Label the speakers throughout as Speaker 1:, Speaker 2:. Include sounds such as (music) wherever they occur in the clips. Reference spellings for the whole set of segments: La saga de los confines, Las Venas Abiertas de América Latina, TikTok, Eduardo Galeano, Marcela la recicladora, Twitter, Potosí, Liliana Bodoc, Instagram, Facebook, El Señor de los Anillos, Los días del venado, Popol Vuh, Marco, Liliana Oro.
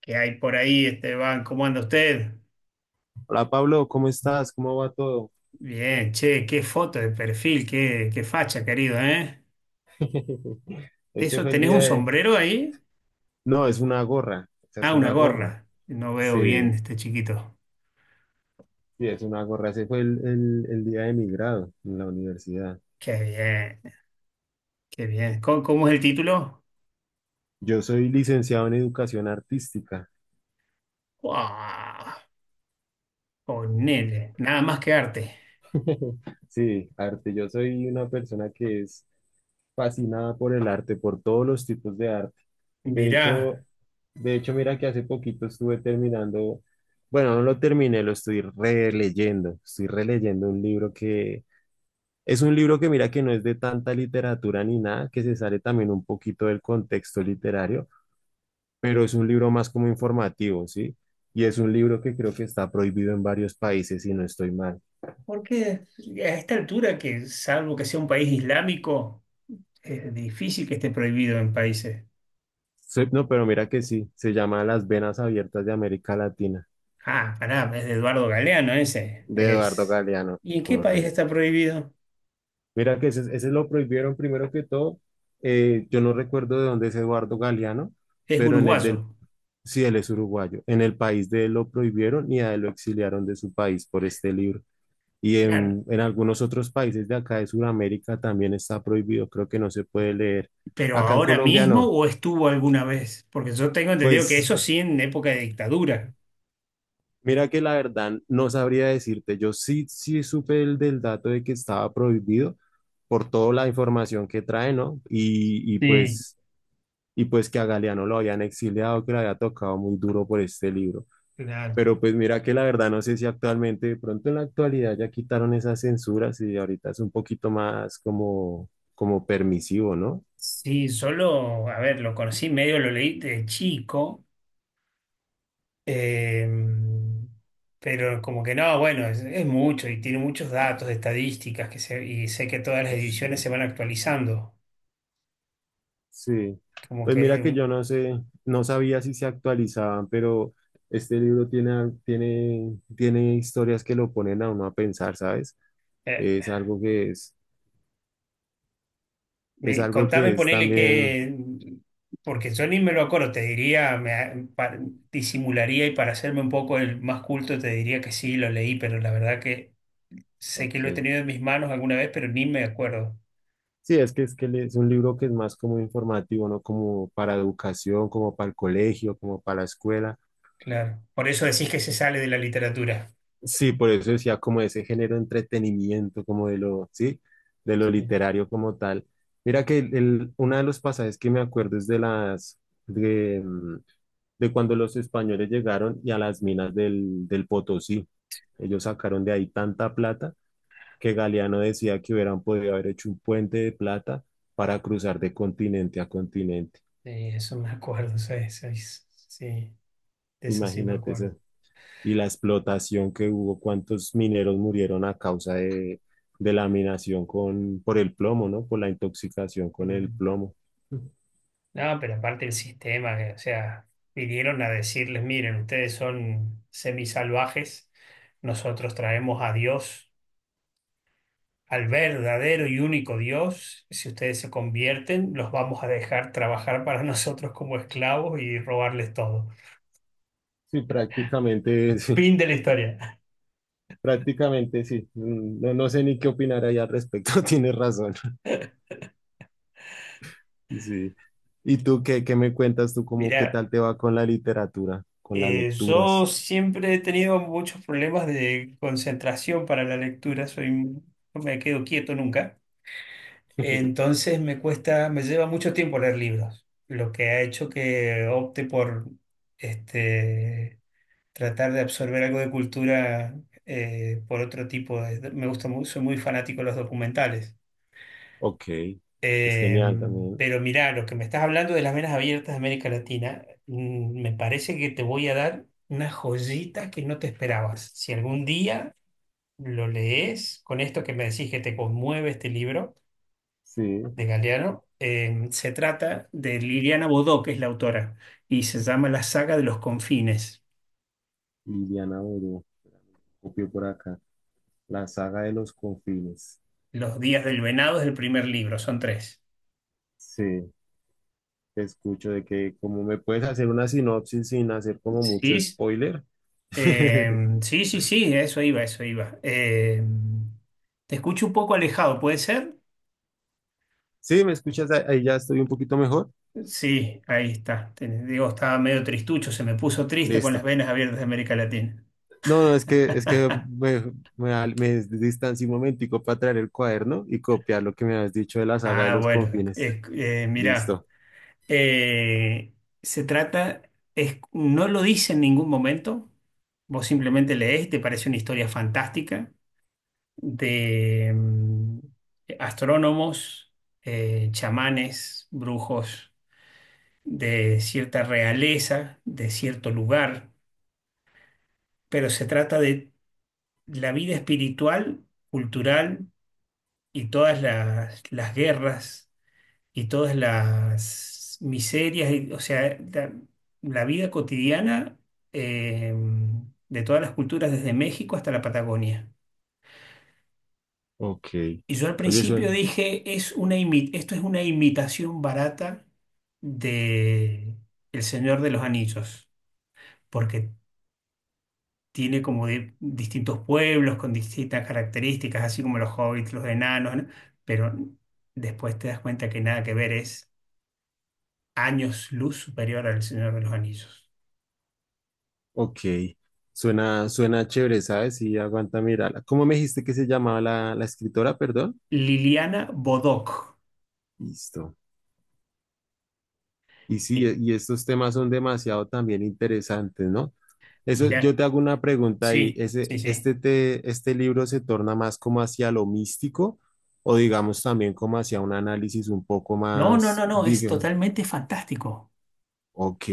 Speaker 1: ¿Que hay por ahí, Esteban? ¿Cómo anda usted?
Speaker 2: Hola Pablo, ¿cómo estás? ¿Cómo va todo?
Speaker 1: Bien, che, qué foto de perfil, qué facha, querido, ¿eh?
Speaker 2: (laughs) Este
Speaker 1: ¿Eso
Speaker 2: fue el
Speaker 1: tenés
Speaker 2: día
Speaker 1: un
Speaker 2: de...
Speaker 1: sombrero ahí?
Speaker 2: No, es una gorra, o sea, es
Speaker 1: Ah, una
Speaker 2: una gorra.
Speaker 1: gorra. No veo bien
Speaker 2: Sí,
Speaker 1: este chiquito.
Speaker 2: sí, es una gorra. Ese fue el día de mi grado en la universidad.
Speaker 1: Qué bien, qué bien. ¿Cómo es el título?
Speaker 2: Yo soy licenciado en educación artística.
Speaker 1: ¡Wow! Ponele, nada más que arte.
Speaker 2: (laughs) Sí, arte. Yo soy una persona que es fascinada por el arte, por todos los tipos de arte. De
Speaker 1: Mirá,
Speaker 2: hecho, de hecho, mira que hace poquito estuve terminando, bueno, no lo terminé, lo estoy releyendo. Estoy releyendo un libro. Es un libro que mira que no es de tanta literatura ni nada, que se sale también un poquito del contexto literario, pero es un libro más como informativo, ¿sí? Y es un libro que creo que está prohibido en varios países, si no estoy mal.
Speaker 1: porque a esta altura, que salvo que sea un país islámico, es difícil que esté prohibido en países.
Speaker 2: No, pero mira que sí, se llama Las Venas Abiertas de América Latina,
Speaker 1: Ah, pará, es de Eduardo Galeano ese.
Speaker 2: de Eduardo
Speaker 1: Es...
Speaker 2: Galeano,
Speaker 1: ¿Y en qué país
Speaker 2: correcto.
Speaker 1: está prohibido?
Speaker 2: Mira que ese lo prohibieron primero que todo. Yo no recuerdo de dónde es Eduardo Galeano,
Speaker 1: Es
Speaker 2: pero en el del...
Speaker 1: uruguayo.
Speaker 2: Sí, él es uruguayo. En el país de él lo prohibieron y a él lo exiliaron de su país por este libro. Y
Speaker 1: Claro.
Speaker 2: en algunos otros países de acá de Sudamérica también está prohibido, creo que no se puede leer.
Speaker 1: ¿Pero
Speaker 2: Acá en
Speaker 1: ahora
Speaker 2: Colombia
Speaker 1: mismo
Speaker 2: no.
Speaker 1: o estuvo alguna vez? Porque yo tengo entendido que
Speaker 2: Pues
Speaker 1: eso sí en época de dictadura.
Speaker 2: mira que la verdad no sabría decirte, yo sí supe el del dato de que estaba prohibido por toda la información que trae, ¿no? Y
Speaker 1: Sí.
Speaker 2: pues, y pues que a Galeano lo habían exiliado, que le había tocado muy duro por este libro.
Speaker 1: Claro.
Speaker 2: Pero pues mira que la verdad no sé si actualmente, de pronto en la actualidad ya quitaron esas censuras y ahorita es un poquito más como, como permisivo, ¿no?
Speaker 1: Sí, solo, a ver, lo conocí medio, lo leí de chico, eh, pero como que no, bueno, es mucho y tiene muchos datos, estadísticas, que se, y sé que todas las
Speaker 2: Sí,
Speaker 1: ediciones se van actualizando,
Speaker 2: sí.
Speaker 1: como
Speaker 2: Pues
Speaker 1: que es
Speaker 2: mira que yo no sé, no sabía si se actualizaban, pero este libro tiene, tiene, tiene historias que lo ponen a uno a pensar, ¿sabes?
Speaker 1: eh,
Speaker 2: Es algo que es
Speaker 1: Me-
Speaker 2: algo
Speaker 1: contame,
Speaker 2: que es
Speaker 1: ponele
Speaker 2: también,
Speaker 1: que, porque yo ni me lo acuerdo, te diría, me, pa- disimularía y para hacerme un poco el más culto te diría que sí, lo leí, pero la verdad que sé que lo he
Speaker 2: ok.
Speaker 1: tenido en mis manos alguna vez, pero ni me acuerdo.
Speaker 2: Sí, es que es un libro que es más como informativo, ¿no? Como para educación, como para el colegio, como para la escuela.
Speaker 1: Claro. Por eso decís que se sale de la literatura.
Speaker 2: Sí, por eso decía como ese género de entretenimiento, como de lo, sí, de lo
Speaker 1: Sí,
Speaker 2: literario como tal. Mira que uno de los pasajes que me acuerdo es de las, de, mm, de cuando los españoles llegaron y a las minas del Potosí. Ellos sacaron de ahí tanta plata que Galeano decía que hubieran podido haber hecho un puente de plata para cruzar de continente a continente.
Speaker 1: sí, eso me acuerdo, sí, sí, sí, de eso sí me
Speaker 2: Imagínate
Speaker 1: acuerdo.
Speaker 2: eso. Y la explotación que hubo, cuántos mineros murieron a causa de la minación con, por el plomo, ¿no? Por la intoxicación con el plomo.
Speaker 1: No, pero aparte el sistema, que, o sea, vinieron a decirles, miren, ustedes son semisalvajes, nosotros traemos a Dios, al verdadero y único Dios, si ustedes se convierten, los vamos a dejar trabajar para (laughs) nosotros como esclavos y robarles todo.
Speaker 2: Sí, prácticamente, (laughs) sí,
Speaker 1: Fin de la historia.
Speaker 2: prácticamente sí. No, no sé ni qué opinar ahí al respecto, (laughs) tienes razón. Sí. ¿Y tú qué, qué me cuentas tú cómo qué
Speaker 1: Mira,
Speaker 2: tal te va con la literatura, con las
Speaker 1: yo
Speaker 2: lecturas?
Speaker 1: siempre he tenido muchos problemas de concentración para la lectura, soy, no me quedo quieto nunca.
Speaker 2: (laughs)
Speaker 1: Entonces me cuesta, me lleva mucho tiempo leer libros, lo que ha hecho que opte por este, tratar de absorber algo de cultura por otro tipo de... Me gusta mucho, soy muy fanático de los documentales.
Speaker 2: Ok, es
Speaker 1: Eh,
Speaker 2: genial también.
Speaker 1: pero mirá, lo que me estás hablando de Las Venas Abiertas de América Latina, me parece que te voy a dar una joyita que no te esperabas. Si algún día lo lees con esto que me decís que te conmueve este libro
Speaker 2: Sí,
Speaker 1: de Galeano, se trata de Liliana Bodó, que es la autora, y se llama La saga de los confines.
Speaker 2: Liliana Oro, copio por acá. La saga de los confines.
Speaker 1: Los días del venado es el primer libro, son tres.
Speaker 2: Sí, te escucho de que como me puedes hacer una sinopsis sin hacer como
Speaker 1: Sí,
Speaker 2: mucho
Speaker 1: s-
Speaker 2: spoiler.
Speaker 1: eh,
Speaker 2: (laughs)
Speaker 1: sí, sí, sí, eso iba, eso iba. Te escucho un poco alejado, ¿puede ser?
Speaker 2: Sí, ¿me escuchas? Ahí ya estoy un poquito mejor.
Speaker 1: Sí, ahí está. Te- digo, estaba medio tristucho, se me puso triste con Las
Speaker 2: Listo.
Speaker 1: Venas Abiertas de América Latina.
Speaker 2: No, no, es que
Speaker 1: (laughs)
Speaker 2: me distancié un momentico para traer el cuaderno y copiar lo que me has dicho de la saga de
Speaker 1: Ah,
Speaker 2: los
Speaker 1: bueno,
Speaker 2: confines.
Speaker 1: mirá.
Speaker 2: Listo.
Speaker 1: Eh, Se trata, es- no lo dice en ningún momento, vos simplemente lees y te parece una historia fantástica de astrónomos, chamanes, brujos de cierta realeza, de cierto lugar, pero se trata de la vida espiritual, cultural y todas las guerras y todas las miserias, y- o sea, la vida cotidiana eh, de todas las culturas, desde México hasta la Patagonia.
Speaker 2: Ok.
Speaker 1: Y yo al
Speaker 2: Oye,
Speaker 1: principio
Speaker 2: suena.
Speaker 1: dije, es una imi- esto es una imitación barata de El Señor de los Anillos, porque tiene como de- distintos pueblos con distintas características, así como los hobbits, los enanos, ¿no? Pero después te das cuenta que nada que ver, es años luz superior al Señor de los Anillos.
Speaker 2: Ok. Suena, suena chévere, ¿sabes? Sí, aguanta mirarla. ¿Cómo me dijiste que se llamaba la escritora? Perdón.
Speaker 1: Liliana Bodoc.
Speaker 2: Listo. Y sí,
Speaker 1: Eh,
Speaker 2: y estos temas son demasiado también interesantes, ¿no? Eso, yo
Speaker 1: Mira,
Speaker 2: te hago una pregunta ahí,
Speaker 1: sí, sí, sí.
Speaker 2: ¿este libro se torna más como hacia lo místico o digamos también como hacia un análisis un poco
Speaker 1: No, no,
Speaker 2: más,
Speaker 1: no, no, es
Speaker 2: digamos,
Speaker 1: totalmente fantástico,
Speaker 2: ok,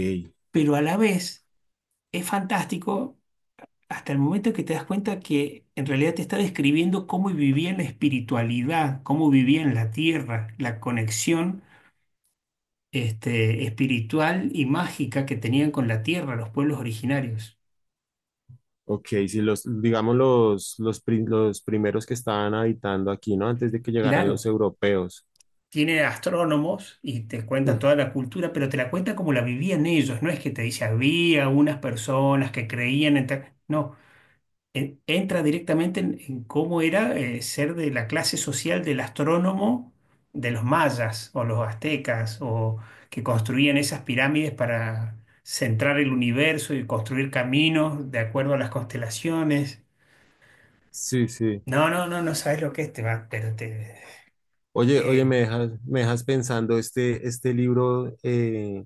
Speaker 1: pero a la vez es fantástico hasta el momento que te das cuenta que en realidad te está describiendo cómo vivía la espiritualidad, cómo vivía en la tierra, la conexión este, espiritual y mágica que tenían con la tierra los pueblos originarios.
Speaker 2: ok, si los, digamos los primeros que estaban habitando aquí, ¿no? Antes de que llegaran los
Speaker 1: Claro,
Speaker 2: europeos.
Speaker 1: tiene astrónomos y te cuentan
Speaker 2: Mm,
Speaker 1: toda la cultura, pero te la cuentan como la vivían ellos. No es que te dice, había unas personas que creían en tal-". No, en- entra directamente en cómo era ser de la clase social del astrónomo de los mayas o los aztecas o que construían esas pirámides para centrar el universo y construir caminos de acuerdo a las constelaciones.
Speaker 2: Sí, sí.
Speaker 1: No, no, no, no sabes lo que es, te va, pero te...
Speaker 2: Oye, oye,
Speaker 1: eh,
Speaker 2: me dejas pensando este libro.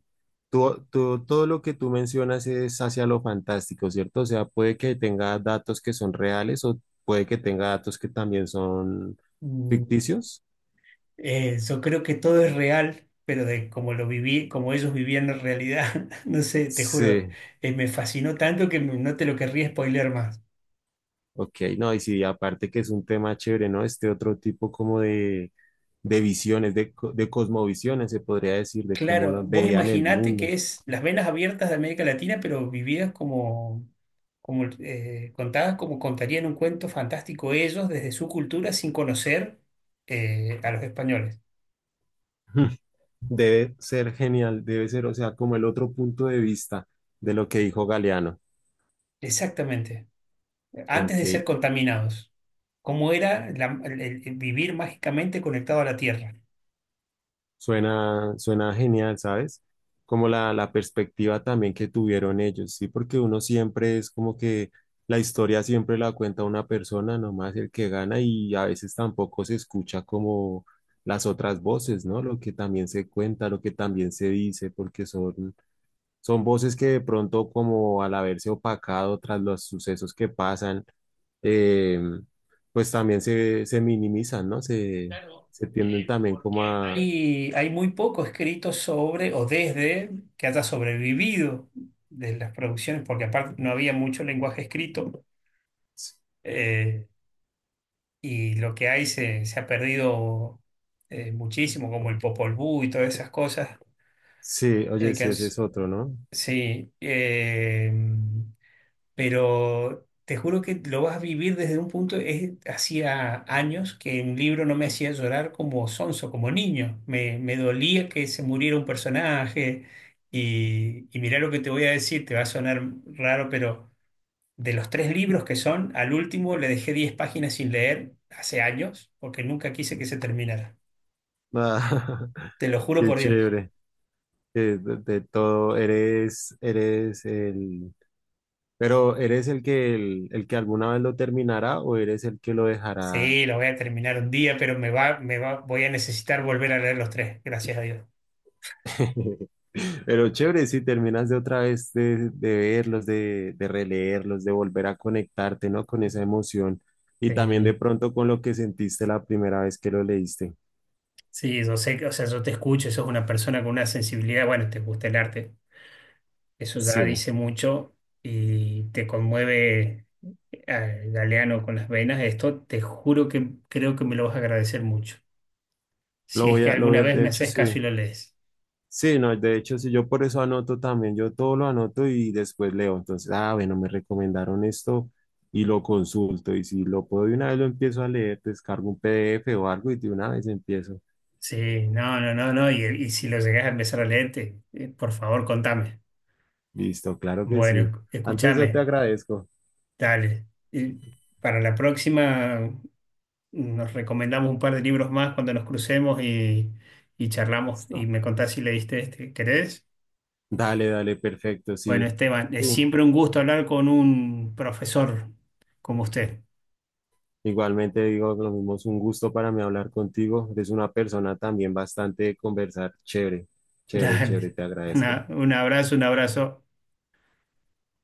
Speaker 2: Todo lo que tú mencionas es hacia lo fantástico, ¿cierto? O sea, puede que tenga datos que son reales o puede que tenga datos que también son ficticios.
Speaker 1: Yo creo que todo es real, pero de como lo viví, como ellos vivían en realidad, (laughs) no sé, te juro,
Speaker 2: Sí,
Speaker 1: me fascinó tanto que no te lo querría spoiler más.
Speaker 2: ok, no, y sí, aparte que es un tema chévere, ¿no? Este otro tipo como de visiones, de, de cosmovisiones, se podría decir, de cómo
Speaker 1: Claro,
Speaker 2: lo
Speaker 1: vos
Speaker 2: veían el
Speaker 1: imaginate que
Speaker 2: mundo.
Speaker 1: es Las Venas Abiertas de América Latina, pero vividas como, como contadas como contarían un cuento fantástico ellos desde su cultura sin conocer a los españoles.
Speaker 2: (laughs) Debe ser genial, debe ser, o sea, como el otro punto de vista de lo que dijo Galeano.
Speaker 1: Exactamente, antes
Speaker 2: Ok,
Speaker 1: de ser contaminados. Cómo era la- el vivir mágicamente conectado a la tierra.
Speaker 2: suena, suena genial, ¿sabes? Como la perspectiva también que tuvieron ellos, ¿sí? Porque uno siempre es como que la historia siempre la cuenta una persona, nomás el que gana, y a veces tampoco se escucha como las otras voces, ¿no? Lo que también se cuenta, lo que también se dice, porque son, son voces que de pronto como al haberse opacado tras los sucesos que pasan, eh, pues también se minimizan, ¿no? Se,
Speaker 1: Claro,
Speaker 2: se tienden también
Speaker 1: porque
Speaker 2: como a...
Speaker 1: hay, y hay muy poco escrito sobre o desde que haya sobrevivido de las producciones, porque aparte no había mucho lenguaje escrito eh, y lo que hay se, se ha perdido muchísimo, como el Popol Vuh y todas esas cosas
Speaker 2: Sí, oye,
Speaker 1: que
Speaker 2: sí,
Speaker 1: han
Speaker 2: ese es otro, ¿no?
Speaker 1: sí, eh, pero te juro que lo vas a vivir desde un punto, es, hacía años que un libro no me hacía llorar como sonso, como niño. Me dolía que se muriera un personaje y mirá lo que te voy a decir, te va a sonar raro, pero de los tres libros que son, al último le dejé 10 páginas sin leer hace años porque nunca quise que se terminara.
Speaker 2: Ah, (laughs)
Speaker 1: Te lo juro
Speaker 2: qué
Speaker 1: por Dios.
Speaker 2: chévere. Que de todo, eres, eres el, pero ¿eres el que alguna vez lo terminará o eres el que lo dejará?
Speaker 1: Sí, lo voy a terminar un día, pero me va, voy a necesitar volver a leer los tres, gracias a Dios.
Speaker 2: (laughs) Pero chévere, si terminas de otra vez de verlos, de releerlos, de volver a conectarte, ¿no? Con esa emoción y también de
Speaker 1: Sí.
Speaker 2: pronto con lo que sentiste la primera vez que lo leíste.
Speaker 1: Sí, yo sé que, o sea, yo te escucho, sos una persona con una sensibilidad, bueno, te gusta el arte, eso
Speaker 2: Sí,
Speaker 1: ya dice mucho y te conmueve al galeano con las venas, esto te juro que creo que me lo vas a agradecer mucho. Si es que
Speaker 2: lo
Speaker 1: alguna
Speaker 2: voy a,
Speaker 1: vez
Speaker 2: de
Speaker 1: me
Speaker 2: hecho,
Speaker 1: haces
Speaker 2: sí.
Speaker 1: caso y lo lees.
Speaker 2: Sí, no, de hecho, sí, yo por eso anoto también, yo todo lo anoto y después leo. Entonces, ah, bueno, me recomendaron esto y lo consulto. Y si lo puedo de una vez lo empiezo a leer, descargo un PDF o algo y de una vez empiezo.
Speaker 1: Sí, no, no, no, no, y si lo llegás a empezar a leerte, por favor, contame.
Speaker 2: Listo, claro que sí.
Speaker 1: Bueno,
Speaker 2: Antes yo te
Speaker 1: escúchame,
Speaker 2: agradezco.
Speaker 1: dale. Y para la próxima nos recomendamos un par de libros más cuando nos crucemos y charlamos y
Speaker 2: Listo.
Speaker 1: me contás si leíste este. ¿Querés?
Speaker 2: Dale, dale, perfecto,
Speaker 1: Bueno,
Speaker 2: sí.
Speaker 1: Esteban,
Speaker 2: Sí.
Speaker 1: es siempre un gusto hablar con un profesor como usted.
Speaker 2: Igualmente digo lo mismo, es un gusto para mí hablar contigo. Eres una persona también bastante de conversar. Chévere,
Speaker 1: (laughs)
Speaker 2: chévere, chévere,
Speaker 1: Dale.
Speaker 2: te agradezco.
Speaker 1: Una- un abrazo, un abrazo.